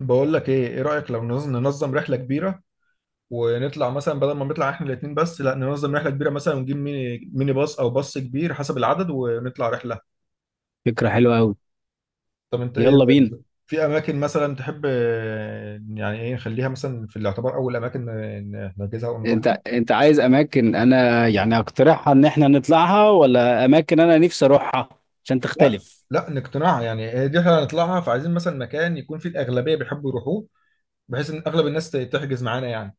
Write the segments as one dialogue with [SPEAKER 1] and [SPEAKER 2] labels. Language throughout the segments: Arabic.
[SPEAKER 1] بقول لك ايه رأيك لو ننظم رحلة كبيرة، ونطلع مثلا بدل ما نطلع احنا الاتنين بس، لا ننظم رحلة كبيرة مثلا ونجيب ميني باص او باص كبير حسب العدد ونطلع رحلة.
[SPEAKER 2] فكرة حلوة أوي.
[SPEAKER 1] طب انت ايه
[SPEAKER 2] يلا بينا.
[SPEAKER 1] رأيك في اماكن مثلا تحب، يعني ايه نخليها مثلا في الاعتبار اول اماكن نحجزها
[SPEAKER 2] أنت
[SPEAKER 1] ونروحها.
[SPEAKER 2] أنت عايز أماكن أنا يعني أقترحها إن إحنا نطلعها، ولا أماكن أنا نفسي أروحها عشان
[SPEAKER 1] لا،
[SPEAKER 2] تختلف؟
[SPEAKER 1] لا نقتنعها، يعني هي دي احنا هنطلعها، فعايزين مثلا مكان يكون فيه الاغلبية بيحبوا يروحوه، بحيث ان اغلب الناس تحجز معانا يعني.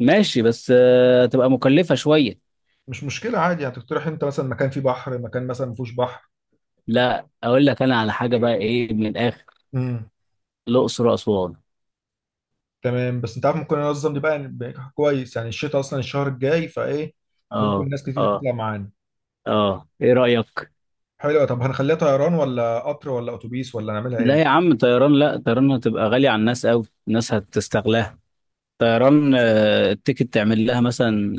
[SPEAKER 2] ماشي بس تبقى مكلفة شوية.
[SPEAKER 1] مش مشكلة عادي يعني، تقترح انت مثلا مكان فيه بحر، مكان مثلا ما فيهوش بحر.
[SPEAKER 2] لا أقول لك أنا على حاجة بقى، إيه من الآخر؟ الأقصر وأسوان.
[SPEAKER 1] تمام بس انت عارف ممكن انظم دي بقى يعني، بقى كويس يعني الشتاء اصلا الشهر الجاي فايه، ممكن
[SPEAKER 2] أه
[SPEAKER 1] ناس كتير
[SPEAKER 2] أه،
[SPEAKER 1] تطلع معانا.
[SPEAKER 2] أه إيه رأيك؟
[SPEAKER 1] حلو، طب هنخليها طيران ولا قطر ولا اتوبيس ولا نعملها
[SPEAKER 2] لا يا
[SPEAKER 1] ايه؟
[SPEAKER 2] عم طيران، لا طيران هتبقى غالية على الناس أوي، الناس هتستغلاها. طيران التيكت تعمل لها مثلا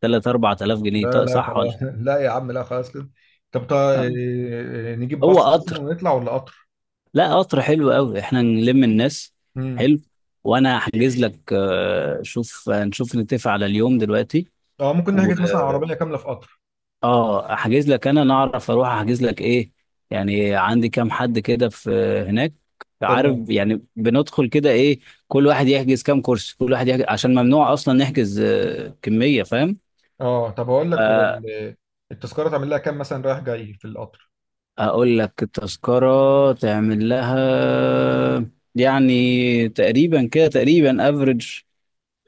[SPEAKER 2] 3 4000 جنيه،
[SPEAKER 1] لا
[SPEAKER 2] طيب
[SPEAKER 1] لا
[SPEAKER 2] صح ولا؟
[SPEAKER 1] خلاص لا يا عم لا خلاص كده. طب
[SPEAKER 2] آه.
[SPEAKER 1] نجيب
[SPEAKER 2] هو
[SPEAKER 1] باص مثلا
[SPEAKER 2] قطر،
[SPEAKER 1] ونطلع ولا قطر؟
[SPEAKER 2] لا قطر حلو قوي، احنا نلم الناس.
[SPEAKER 1] امم.
[SPEAKER 2] حلو. وانا هحجز لك شوف نشوف نتفق على اليوم دلوقتي.
[SPEAKER 1] اه ممكن
[SPEAKER 2] و
[SPEAKER 1] نحجز مثلا عربيه كامله في قطر.
[SPEAKER 2] اه احجز لك انا، نعرف اروح احجز لك ايه يعني، عندي كام حد كده في هناك، عارف،
[SPEAKER 1] تمام.
[SPEAKER 2] يعني بندخل كده ايه. كل واحد يحجز كام كرسي، كل واحد يحجز عشان ممنوع اصلا نحجز كمية، فاهم؟
[SPEAKER 1] اه طب هقول لك،
[SPEAKER 2] آه،
[SPEAKER 1] التذكره تعمل لها كام مثلا رايح جاي في القطر؟
[SPEAKER 2] اقول لك التذكرة تعمل لها يعني تقريبا كده، تقريبا افريج،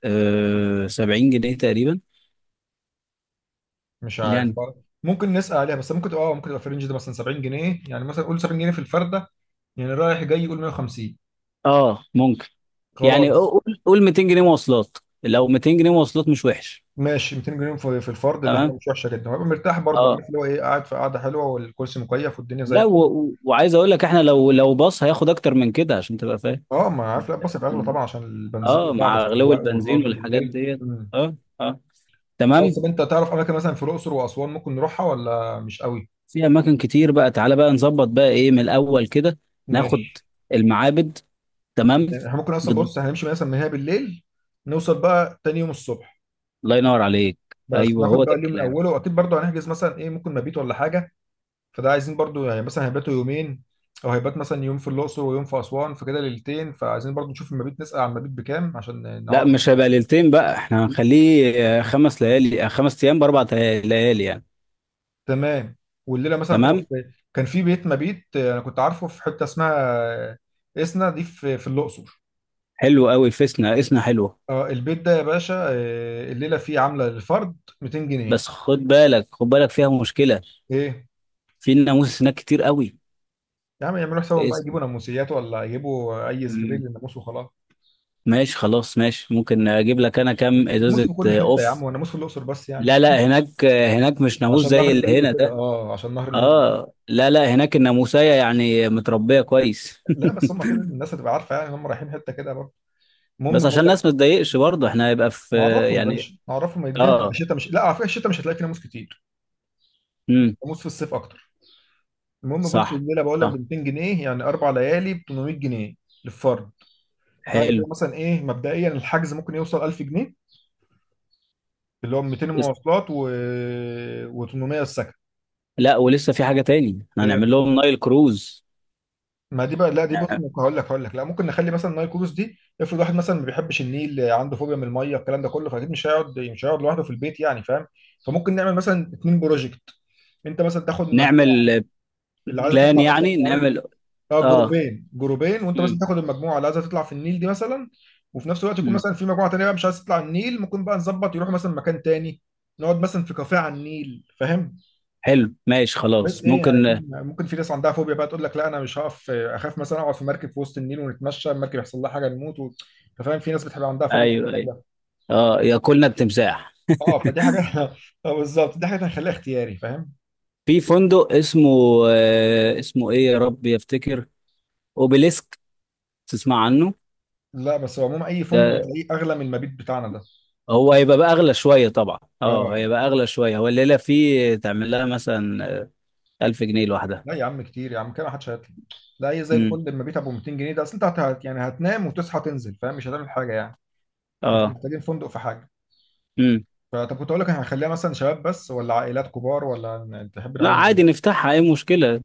[SPEAKER 2] أه 70 جنيه تقريبا
[SPEAKER 1] مش عارف،
[SPEAKER 2] يعني.
[SPEAKER 1] ممكن نسأل عليها، بس ممكن تبقى اه ممكن تبقى في الرينج ده مثلا 70 جنيه، يعني مثلا قول 70 جنيه في الفردة، يعني رايح جاي قول 150.
[SPEAKER 2] اه ممكن. يعني
[SPEAKER 1] خلاص
[SPEAKER 2] قول، قول 200 جنيه مواصلات، لو 200 جنيه مواصلات مش وحش،
[SPEAKER 1] ماشي، 200 جنيه في الفرد ده حاجة
[SPEAKER 2] تمام.
[SPEAKER 1] مش وحشة جدا، وهبقى مرتاح برضه،
[SPEAKER 2] اه،
[SPEAKER 1] عارف اللي هو ايه، قاعد في قعدة حلوة والكرسي مكيف والدنيا زي
[SPEAKER 2] لا
[SPEAKER 1] الفل.
[SPEAKER 2] وعايز اقول لك احنا لو باص هياخد اكتر من كده عشان تبقى فاهم.
[SPEAKER 1] اه ما عارف، لا بصرف اغلى طبعا عشان البنزين
[SPEAKER 2] اه
[SPEAKER 1] وتعب
[SPEAKER 2] مع غلو
[SPEAKER 1] السواق
[SPEAKER 2] البنزين
[SPEAKER 1] والراجل
[SPEAKER 2] والحاجات
[SPEAKER 1] والليل
[SPEAKER 2] ديت.
[SPEAKER 1] مم.
[SPEAKER 2] اه، اه،
[SPEAKER 1] خلاص،
[SPEAKER 2] تمام.
[SPEAKER 1] طب انت تعرف اماكن مثلا في الاقصر واسوان ممكن نروحها ولا مش قوي؟
[SPEAKER 2] في اماكن كتير بقى، تعالى بقى نظبط بقى ايه من الاول كده. ناخد
[SPEAKER 1] ماشي.
[SPEAKER 2] المعابد، تمام.
[SPEAKER 1] يعني احنا ممكن اصلا،
[SPEAKER 2] بت-
[SPEAKER 1] بص، هنمشي مثلا من هنا بالليل، نوصل بقى تاني يوم الصبح،
[SPEAKER 2] الله ينور عليك.
[SPEAKER 1] بس
[SPEAKER 2] ايوه هو
[SPEAKER 1] ناخد بقى
[SPEAKER 2] ده
[SPEAKER 1] اليوم من
[SPEAKER 2] الكلام.
[SPEAKER 1] اوله، واكيد برضو هنحجز مثلا ايه، ممكن مبيت ولا حاجه، فده عايزين برضو يعني مثلا هيباتوا يومين، او هيبات مثلا يوم في الاقصر ويوم في اسوان فكده ليلتين، فعايزين برضو نشوف المبيت، نسال عن المبيت بكام عشان
[SPEAKER 2] لا
[SPEAKER 1] نعرف.
[SPEAKER 2] مش هيبقى ليلتين بقى، احنا هنخليه خمس ليالي خمس ايام باربع ليالي يعني.
[SPEAKER 1] تمام. والليله مثلا هتقف
[SPEAKER 2] تمام.
[SPEAKER 1] في- كان في بيت مبيت، انا كنت عارفه في حته اسمها اسنا، دي في في الاقصر.
[SPEAKER 2] حلو قوي فيسنا، اسنا حلوه.
[SPEAKER 1] اه البيت ده يا باشا، الليله فيه عامله للفرد 200 جنيه.
[SPEAKER 2] بس خد بالك، خد بالك فيها مشكله،
[SPEAKER 1] ايه؟
[SPEAKER 2] في ناموس هناك كتير قوي،
[SPEAKER 1] يا عم يعملوا حسابهم
[SPEAKER 2] في
[SPEAKER 1] بقى، يجيبوا
[SPEAKER 2] اسنا.
[SPEAKER 1] ناموسيات ولا يجيبوا اي سبراي
[SPEAKER 2] مم.
[SPEAKER 1] للناموس وخلاص.
[SPEAKER 2] ماشي خلاص، ماشي، ممكن اجيب لك انا كام
[SPEAKER 1] ناموس
[SPEAKER 2] ازازه
[SPEAKER 1] في كل حته يا عم،
[SPEAKER 2] اوف.
[SPEAKER 1] وناموس في الاقصر بس يعني
[SPEAKER 2] لا لا، هناك هناك مش ناموس
[SPEAKER 1] عشان
[SPEAKER 2] زي
[SPEAKER 1] نهر
[SPEAKER 2] اللي
[SPEAKER 1] النيل
[SPEAKER 2] هنا
[SPEAKER 1] وكده،
[SPEAKER 2] ده.
[SPEAKER 1] اه عشان نهر النيل.
[SPEAKER 2] اه لا لا، هناك الناموسيه يعني متربيه كويس.
[SPEAKER 1] لا بس هم كده الناس هتبقى عارفه يعني هم رايحين حته كده برضه.
[SPEAKER 2] بس
[SPEAKER 1] المهم
[SPEAKER 2] عشان
[SPEAKER 1] بقول لك،
[SPEAKER 2] الناس ما تضايقش برضه، احنا هيبقى في
[SPEAKER 1] نعرفهم يا
[SPEAKER 2] يعني.
[SPEAKER 1] باشا نعرفهم، الدنيا تبقى
[SPEAKER 2] اه.
[SPEAKER 1] الشتاء مش، لا على فكره الشتاء مش هتلاقي فيه ناموس كتير،
[SPEAKER 2] امم.
[SPEAKER 1] ناموس في الصيف اكتر. المهم بص،
[SPEAKER 2] صح،
[SPEAKER 1] الليله بقول لك ب
[SPEAKER 2] صح،
[SPEAKER 1] 200 جنيه، يعني 4 ليالي ب 800 جنيه للفرد. فعلا
[SPEAKER 2] حلو.
[SPEAKER 1] كده مثلا ايه، مبدئيا الحجز ممكن يوصل 1000 جنيه، اللي هو 200
[SPEAKER 2] لس-
[SPEAKER 1] مواصلات و و800 السكن.
[SPEAKER 2] لا، ولسه في حاجة تاني، احنا هنعمل لهم نايل كروز.
[SPEAKER 1] ما دي بقى لا، دي بص،
[SPEAKER 2] نع-
[SPEAKER 1] ممكن هقول لك لا، ممكن نخلي مثلا نايل كروز دي، افرض واحد مثلا ما بيحبش النيل عنده فوبيا من الميه الكلام ده كله، فاكيد مش هيقعد لوحده في البيت يعني، فاهم؟ فممكن نعمل مثلا اتنين بروجكت، انت مثلا تاخد مجموعه
[SPEAKER 2] نعمل
[SPEAKER 1] اللي عايزه
[SPEAKER 2] بلان،
[SPEAKER 1] تطلع مثلا،
[SPEAKER 2] يعني
[SPEAKER 1] عارف،
[SPEAKER 2] نعمل.
[SPEAKER 1] اه
[SPEAKER 2] اه.
[SPEAKER 1] جروبين وانت مثلا
[SPEAKER 2] مم.
[SPEAKER 1] تاخد المجموعه اللي عايزه تطلع في النيل دي مثلا، وفي نفس الوقت يكون
[SPEAKER 2] مم.
[SPEAKER 1] مثلا في مجموعه تانيه بقى مش عايزه تطلع النيل، ممكن بقى نظبط يروحوا مثلا مكان تاني، نقعد مثلا في كافيه على النيل، فاهم؟
[SPEAKER 2] حلو، ماشي
[SPEAKER 1] بس
[SPEAKER 2] خلاص
[SPEAKER 1] ايه يعني،
[SPEAKER 2] ممكن.
[SPEAKER 1] أكيد ممكن في ناس عندها فوبيا بقى تقول لك لا انا مش هقف اخاف مثلا اقعد في مركب في وسط النيل ونتمشى المركب يحصل لها حاجه نموت و... أنت فاهم، في ناس بتبقى عندها فوبيا من
[SPEAKER 2] ايوه ايوه،
[SPEAKER 1] الكلام ده.
[SPEAKER 2] اه، ياكلنا التمساح.
[SPEAKER 1] اه فدي حاجه اه بالظبط، دي حاجه هنخليها اختياري، فاهم؟
[SPEAKER 2] في فندق اسمه، اسمه ايه، يا رب يفتكر، اوبيليسك، تسمع عنه؟
[SPEAKER 1] لا بس هو عموما اي فندق
[SPEAKER 2] ده
[SPEAKER 1] هتلاقيه اغلى من المبيت بتاعنا ده.
[SPEAKER 2] هو هيبقى بقى اغلى شوية طبعا، اه
[SPEAKER 1] اه
[SPEAKER 2] هيبقى اغلى شوية، هو الليلة فيه تعمل لها مثلا 1000 جنيه لوحدها.
[SPEAKER 1] لا يا عم كتير يا عم كده، ما حدش هيطلع. لا اي زي
[SPEAKER 2] امم.
[SPEAKER 1] الفندق المبيت ابو 200 جنيه ده، اصل انت يعني هتنام وتصحى تنزل، فاهم؟ مش هتعمل حاجه يعني، مش
[SPEAKER 2] اه.
[SPEAKER 1] محتاجين فندق في حاجه.
[SPEAKER 2] امم.
[SPEAKER 1] فطب كنت اقول لك، هنخليها مثلا شباب بس ولا عائلات كبار، ولا تحب
[SPEAKER 2] لا
[SPEAKER 1] نعملها
[SPEAKER 2] عادي
[SPEAKER 1] إيه؟
[SPEAKER 2] نفتحها، ايه مشكلة.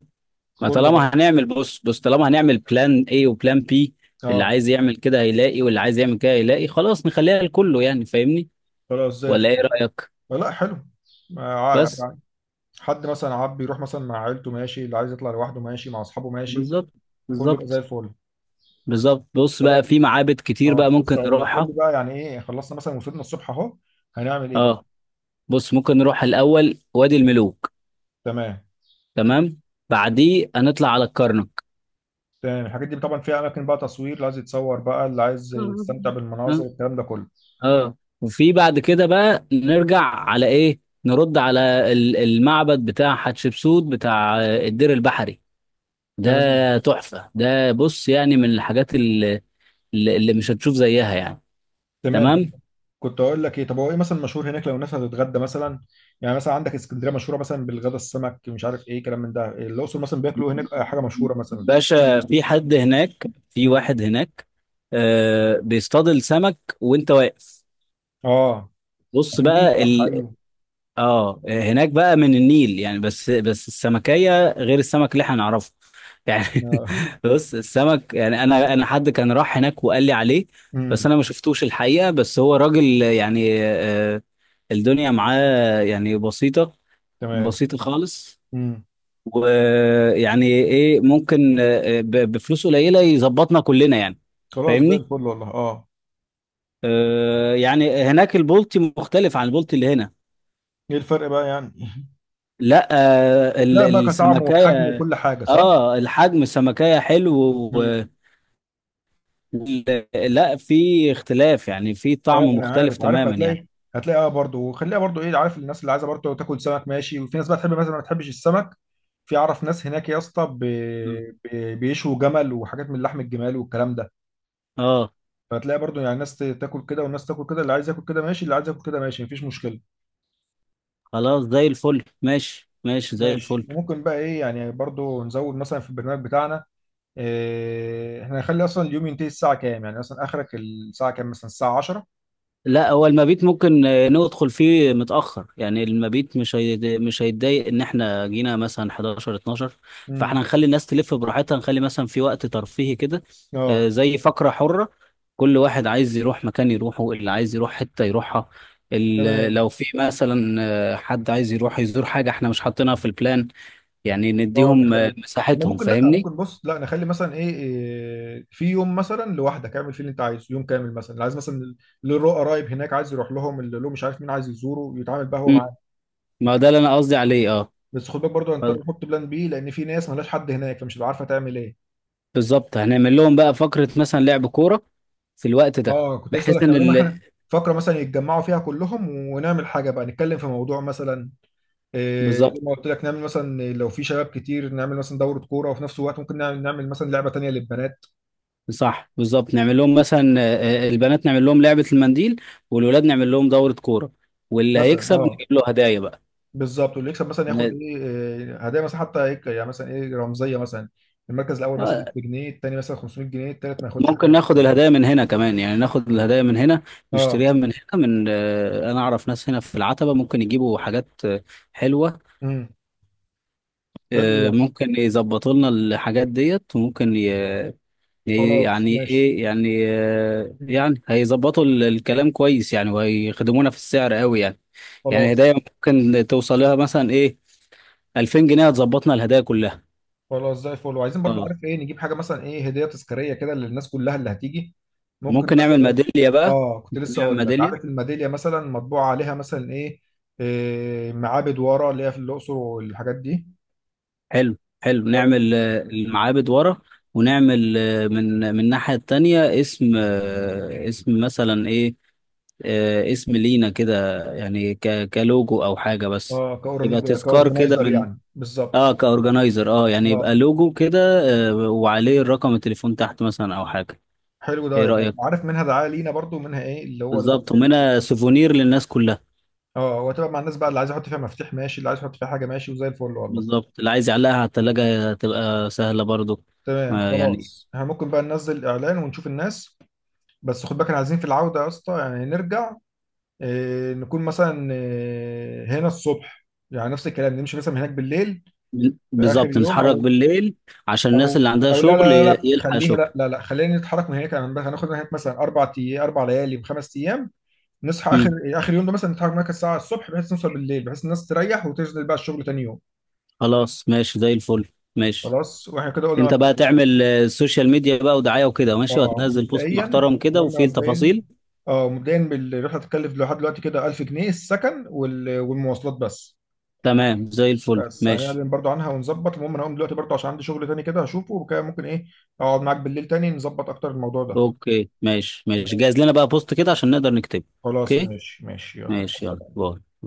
[SPEAKER 2] ما
[SPEAKER 1] كله بقى،
[SPEAKER 2] طالما هنعمل، بص بص، طالما هنعمل بلان اي وبلان بي، اللي
[SPEAKER 1] اه
[SPEAKER 2] عايز يعمل كده هيلاقي، واللي عايز يعمل كده هيلاقي، خلاص نخليها لكله يعني، فاهمني؟
[SPEAKER 1] خلاص زي
[SPEAKER 2] ولا ايه
[SPEAKER 1] الفل.
[SPEAKER 2] رأيك؟
[SPEAKER 1] لا حلو، مع-
[SPEAKER 2] بس.
[SPEAKER 1] يعني حد مثلا عاب يروح مثلا مع عيلته ماشي، اللي عايز يطلع لوحده ماشي، مع اصحابه ماشي،
[SPEAKER 2] بالظبط،
[SPEAKER 1] كله يبقى زي
[SPEAKER 2] بالظبط،
[SPEAKER 1] الفل.
[SPEAKER 2] بالظبط. بص بقى في
[SPEAKER 1] خلاص،
[SPEAKER 2] معابد كتير
[SPEAKER 1] اه
[SPEAKER 2] بقى
[SPEAKER 1] كنت
[SPEAKER 2] ممكن
[SPEAKER 1] لسه اقول لك، قول لي
[SPEAKER 2] نروحها.
[SPEAKER 1] بقى يعني ايه، خلصنا مثلا وصلنا الصبح اهو، هنعمل ايه بقى؟
[SPEAKER 2] اه، بص ممكن نروح الاول وادي الملوك.
[SPEAKER 1] تمام
[SPEAKER 2] تمام. بعديه هنطلع على الكرنك.
[SPEAKER 1] تمام، الحاجات دي طبعا فيها اماكن بقى تصوير، اللي عايز يتصور بقى، اللي عايز يستمتع بالمناظر
[SPEAKER 2] اه. آه.
[SPEAKER 1] الكلام ده كله.
[SPEAKER 2] اه. وفي بعد كده بقى نرجع على ايه، نرد على المعبد بتاع حتشبسوت، بتاع الدير البحري
[SPEAKER 1] تمام
[SPEAKER 2] ده. تحفة ده، بص يعني من الحاجات اللي، اللي مش هتشوف زيها يعني.
[SPEAKER 1] تمام
[SPEAKER 2] تمام.
[SPEAKER 1] تمام. كنت اقول لك ايه، طب هو ايه مثلا مشهور هناك لو الناس هتتغدى مثلا؟ يعني مثلا عندك اسكندريه مشهوره مثلا بالغدا السمك، مش عارف ايه كلام من ده، الاقصر مثلا بياكلوا إيه هناك، حاجه مشهوره مثلا.
[SPEAKER 2] باشا في حد هناك، في
[SPEAKER 1] امم.
[SPEAKER 2] واحد هناك بيصطاد السمك وانت واقف.
[SPEAKER 1] اه
[SPEAKER 2] بص
[SPEAKER 1] في النيل،
[SPEAKER 2] بقى
[SPEAKER 1] صح، ايوه.
[SPEAKER 2] اه هناك بقى من النيل يعني، بس السمكية غير السمك اللي احنا نعرفه يعني.
[SPEAKER 1] آه.
[SPEAKER 2] بص السمك يعني، انا حد كان راح هناك وقال لي عليه، بس
[SPEAKER 1] امم.
[SPEAKER 2] انا ما شفتوش الحقيقة، بس هو راجل يعني آه الدنيا معاه يعني بسيطة،
[SPEAKER 1] تمام.
[SPEAKER 2] بسيط خالص.
[SPEAKER 1] امم.
[SPEAKER 2] ويعني ايه ممكن بفلوس قليله يظبطنا كلنا يعني،
[SPEAKER 1] خلاص زي
[SPEAKER 2] فاهمني؟
[SPEAKER 1] الفل والله، اه.
[SPEAKER 2] يعني هناك البولتي مختلف عن البولتي اللي هنا.
[SPEAKER 1] ايه الفرق بقى يعني،
[SPEAKER 2] لا
[SPEAKER 1] هتلاقي بقى كطعم
[SPEAKER 2] السمكية.
[SPEAKER 1] وحجم وكل حاجه، صح؟
[SPEAKER 2] اه الحجم، السمكية حلو
[SPEAKER 1] امم.
[SPEAKER 2] لا في اختلاف يعني، في طعم
[SPEAKER 1] اه ما انا
[SPEAKER 2] مختلف
[SPEAKER 1] عارف، عارف
[SPEAKER 2] تماما يعني.
[SPEAKER 1] هتلاقي، هتلاقي اه برضه، وخليها برضه ايه، عارف، الناس اللي عايزه برضه تاكل سمك ماشي، وفي ناس بقى تحب مثلا ما تحبش السمك. في اعرف ناس هناك يا اسطى
[SPEAKER 2] م.
[SPEAKER 1] بيشوا جمل وحاجات من لحم الجمال والكلام ده،
[SPEAKER 2] اه.
[SPEAKER 1] فهتلاقي برضه يعني ناس تاكل كده والناس تاكل كده، اللي عايز ياكل كده ماشي، اللي عايز ياكل كده ماشي، مفيش مشكله.
[SPEAKER 2] خلاص زي الفل، ماشي ماشي، زي
[SPEAKER 1] ماشي،
[SPEAKER 2] الفل.
[SPEAKER 1] وممكن بقى ايه يعني، برضو نزود مثلا في البرنامج بتاعنا إيه، احنا هنخلي اصلا اليوم ينتهي الساعة كام، يعني مثلا اخرك الساعة كام، مثلا الساعة 10.
[SPEAKER 2] لا هو المبيت ممكن ندخل فيه متأخر يعني، المبيت مش مش هيتضايق ان احنا جينا مثلا 11، 12.
[SPEAKER 1] امم.
[SPEAKER 2] فاحنا هنخلي الناس تلف براحتها، نخلي مثلا في وقت ترفيهي كده
[SPEAKER 1] اه.
[SPEAKER 2] زي فقرة حرة، كل واحد عايز يروح مكان يروحه، اللي عايز يروح حتة يروحها.
[SPEAKER 1] تمام.
[SPEAKER 2] لو في مثلا حد عايز يروح يزور حاجة احنا مش حاطينها في البلان، يعني
[SPEAKER 1] اه
[SPEAKER 2] نديهم
[SPEAKER 1] نخلي، ما
[SPEAKER 2] مساحتهم،
[SPEAKER 1] ممكن، لا
[SPEAKER 2] فاهمني؟
[SPEAKER 1] ممكن بص، لا نخلي مثلا إيه في يوم مثلا لوحدك، اعمل فيه اللي انت عايزه، يوم كامل مثلا، اللي عايز مثلا اللي له قرايب هناك عايز يروح لهم، اللي له مش عارف مين عايز يزوره يتعامل بقى هو
[SPEAKER 2] مم.
[SPEAKER 1] معاه.
[SPEAKER 2] ما ده اللي انا قصدي عليه، اه.
[SPEAKER 1] بس خد بالك برضه هنضطر نحط بلان بي، لان في ناس ملهاش حد هناك فمش هتبقى عارفه تعمل ايه.
[SPEAKER 2] بالظبط، هنعمل لهم بقى فقرة مثلا لعب كورة في الوقت ده.
[SPEAKER 1] اه كنت لسه اقول
[SPEAKER 2] بحيث
[SPEAKER 1] لك
[SPEAKER 2] ان
[SPEAKER 1] نعمل لهم حاجه، فقره مثلا يتجمعوا فيها كلهم، ونعمل حاجه بقى، نتكلم في موضوع مثلا إيه، زي
[SPEAKER 2] بالظبط.
[SPEAKER 1] ما قلت لك، نعمل مثلا لو في شباب كتير نعمل مثلا دوره كوره، وفي نفس الوقت ممكن نعمل مثلا لعبه تانيه للبنات،
[SPEAKER 2] صح بالظبط، نعمل لهم مثلا البنات نعمل لهم لعبة المنديل، والولاد نعمل لهم دورة كورة، واللي
[SPEAKER 1] مثلا.
[SPEAKER 2] هيكسب
[SPEAKER 1] اه
[SPEAKER 2] نجيب له هدايا بقى.
[SPEAKER 1] بالظبط، واللي يكسب مثلا ياخد
[SPEAKER 2] ن-
[SPEAKER 1] إيه، هدايا مثلا، حتى هيك يعني مثلا ايه رمزيه، مثلا المركز الاول مثلا
[SPEAKER 2] آه،
[SPEAKER 1] بجنيه، التاني مثلا 500 جنيه، التالت ما ياخدش
[SPEAKER 2] ممكن
[SPEAKER 1] حاجه.
[SPEAKER 2] ناخد الهدايا من هنا كمان، يعني ناخد الهدايا من هنا،
[SPEAKER 1] اه.
[SPEAKER 2] نشتريها من هنا من انا اعرف ناس هنا في العتبة، ممكن يجيبوا حاجات حلوة.
[SPEAKER 1] امم. حلو ده.
[SPEAKER 2] ممكن يظبطوا لنا الحاجات ديت، وممكن إيه
[SPEAKER 1] خلاص
[SPEAKER 2] يعني
[SPEAKER 1] ماشي،
[SPEAKER 2] ايه يعني آه يعني هيظبطوا الكلام كويس يعني، وهيخدمونا في السعر قوي يعني. يعني
[SPEAKER 1] خلاص.
[SPEAKER 2] هدايا ممكن توصل لها مثلا ايه، 2000 جنيه هتظبطنا الهدايا كلها.
[SPEAKER 1] خلاص زي الفل. وعايزين برضو،
[SPEAKER 2] اه
[SPEAKER 1] عارف ايه، نجيب حاجه مثلا ايه هديه تذكاريه كده للناس كلها اللي هتيجي، ممكن
[SPEAKER 2] ممكن نعمل
[SPEAKER 1] مثلا.
[SPEAKER 2] ميدالية بقى.
[SPEAKER 1] اه كنت
[SPEAKER 2] ممكن
[SPEAKER 1] لسه
[SPEAKER 2] نعمل
[SPEAKER 1] اقول لك،
[SPEAKER 2] ميدالية،
[SPEAKER 1] عارف الميداليه مثلا مطبوع عليها مثلا إيه معابد ورا اللي هي في الاقصر والحاجات دي.
[SPEAKER 2] حلو حلو، نعمل المعابد ورا، ونعمل من الناحية التانية اسم اسم مثلا ايه اسم لينا كده يعني، كلوجو او حاجة بس،
[SPEAKER 1] اه
[SPEAKER 2] يبقى
[SPEAKER 1] كأورن-
[SPEAKER 2] تذكار كده
[SPEAKER 1] كاورجنايزر
[SPEAKER 2] من.
[SPEAKER 1] يعني، بالظبط.
[SPEAKER 2] اه كاورجنايزر، اه يعني يبقى
[SPEAKER 1] اه
[SPEAKER 2] لوجو كده. وعليه الرقم التليفون تحت مثلا او حاجه.
[SPEAKER 1] حلو
[SPEAKER 2] ايه
[SPEAKER 1] ده، يبقى
[SPEAKER 2] رايك؟
[SPEAKER 1] عارف منها دعايه لينا برضو، منها ايه اللي هو
[SPEAKER 2] بالظبط، ومنها سوفونير للناس كلها.
[SPEAKER 1] اه وتبقى مع الناس بقى، اللي عايز يحط فيها مفتاح ماشي، اللي عايز يحط فيها حاجه ماشي، وزي الفل والله.
[SPEAKER 2] بالظبط، اللي عايز يعلقها على التلاجة هتبقى سهله برضو.
[SPEAKER 1] تمام
[SPEAKER 2] آه يعني.
[SPEAKER 1] خلاص، احنا ممكن بقى ننزل اعلان ونشوف الناس. بس خد بالك احنا عايزين في العودة يا اسطى يعني نرجع، نكون مثلا هنا الصبح، يعني نفس الكلام، نمشي مثلا من هناك بالليل في آخر
[SPEAKER 2] بالظبط،
[SPEAKER 1] يوم،
[SPEAKER 2] نتحرك بالليل عشان الناس
[SPEAKER 1] أو
[SPEAKER 2] اللي عندها
[SPEAKER 1] أو لا
[SPEAKER 2] شغل
[SPEAKER 1] لا لا لا
[SPEAKER 2] يلحق
[SPEAKER 1] خليها،
[SPEAKER 2] شغل.
[SPEAKER 1] لا لا لا خلينا نتحرك من هناك، يعني بس هناخد من هناك مثلا 4 أيام 4 ليالي وخمس أيام، نصحى آخر
[SPEAKER 2] مم.
[SPEAKER 1] آخر يوم ده مثلا، نتحرك من هناك الساعة الصبح بحيث نوصل بالليل، بحيث الناس تريح وتنزل بقى الشغل تاني يوم.
[SPEAKER 2] خلاص ماشي، زي الفل، ماشي.
[SPEAKER 1] خلاص، واحنا كده قلنا
[SPEAKER 2] انت بقى
[SPEAKER 1] مبدئيا.
[SPEAKER 2] تعمل السوشيال ميديا بقى، ودعايه وكده ماشي،
[SPEAKER 1] اه
[SPEAKER 2] وهتنزل بوست
[SPEAKER 1] مبدئيا،
[SPEAKER 2] محترم
[SPEAKER 1] إحنا
[SPEAKER 2] كده
[SPEAKER 1] قلنا
[SPEAKER 2] وفيه
[SPEAKER 1] مبدئيا،
[SPEAKER 2] التفاصيل.
[SPEAKER 1] اه مبدئيا الرحله هتتكلف لحد دلوقتي كده 1000 جنيه، السكن والمواصلات بس،
[SPEAKER 2] تمام زي الفل،
[SPEAKER 1] بس
[SPEAKER 2] ماشي.
[SPEAKER 1] هنعلن برضو عنها ونظبط. المهم انا هقوم دلوقتي برضو عشان عندي شغل تاني كده هشوفه وكده، ممكن ايه اقعد معاك بالليل تاني نظبط اكتر الموضوع ده.
[SPEAKER 2] اوكي ماشي ماشي،
[SPEAKER 1] ماشي،
[SPEAKER 2] جهز لنا بقى بوست كده عشان نقدر نكتبه.
[SPEAKER 1] خلاص
[SPEAKER 2] اوكي،
[SPEAKER 1] ماشي ماشي، يلا مع
[SPEAKER 2] ماشي، يلا
[SPEAKER 1] السلامة.
[SPEAKER 2] باي.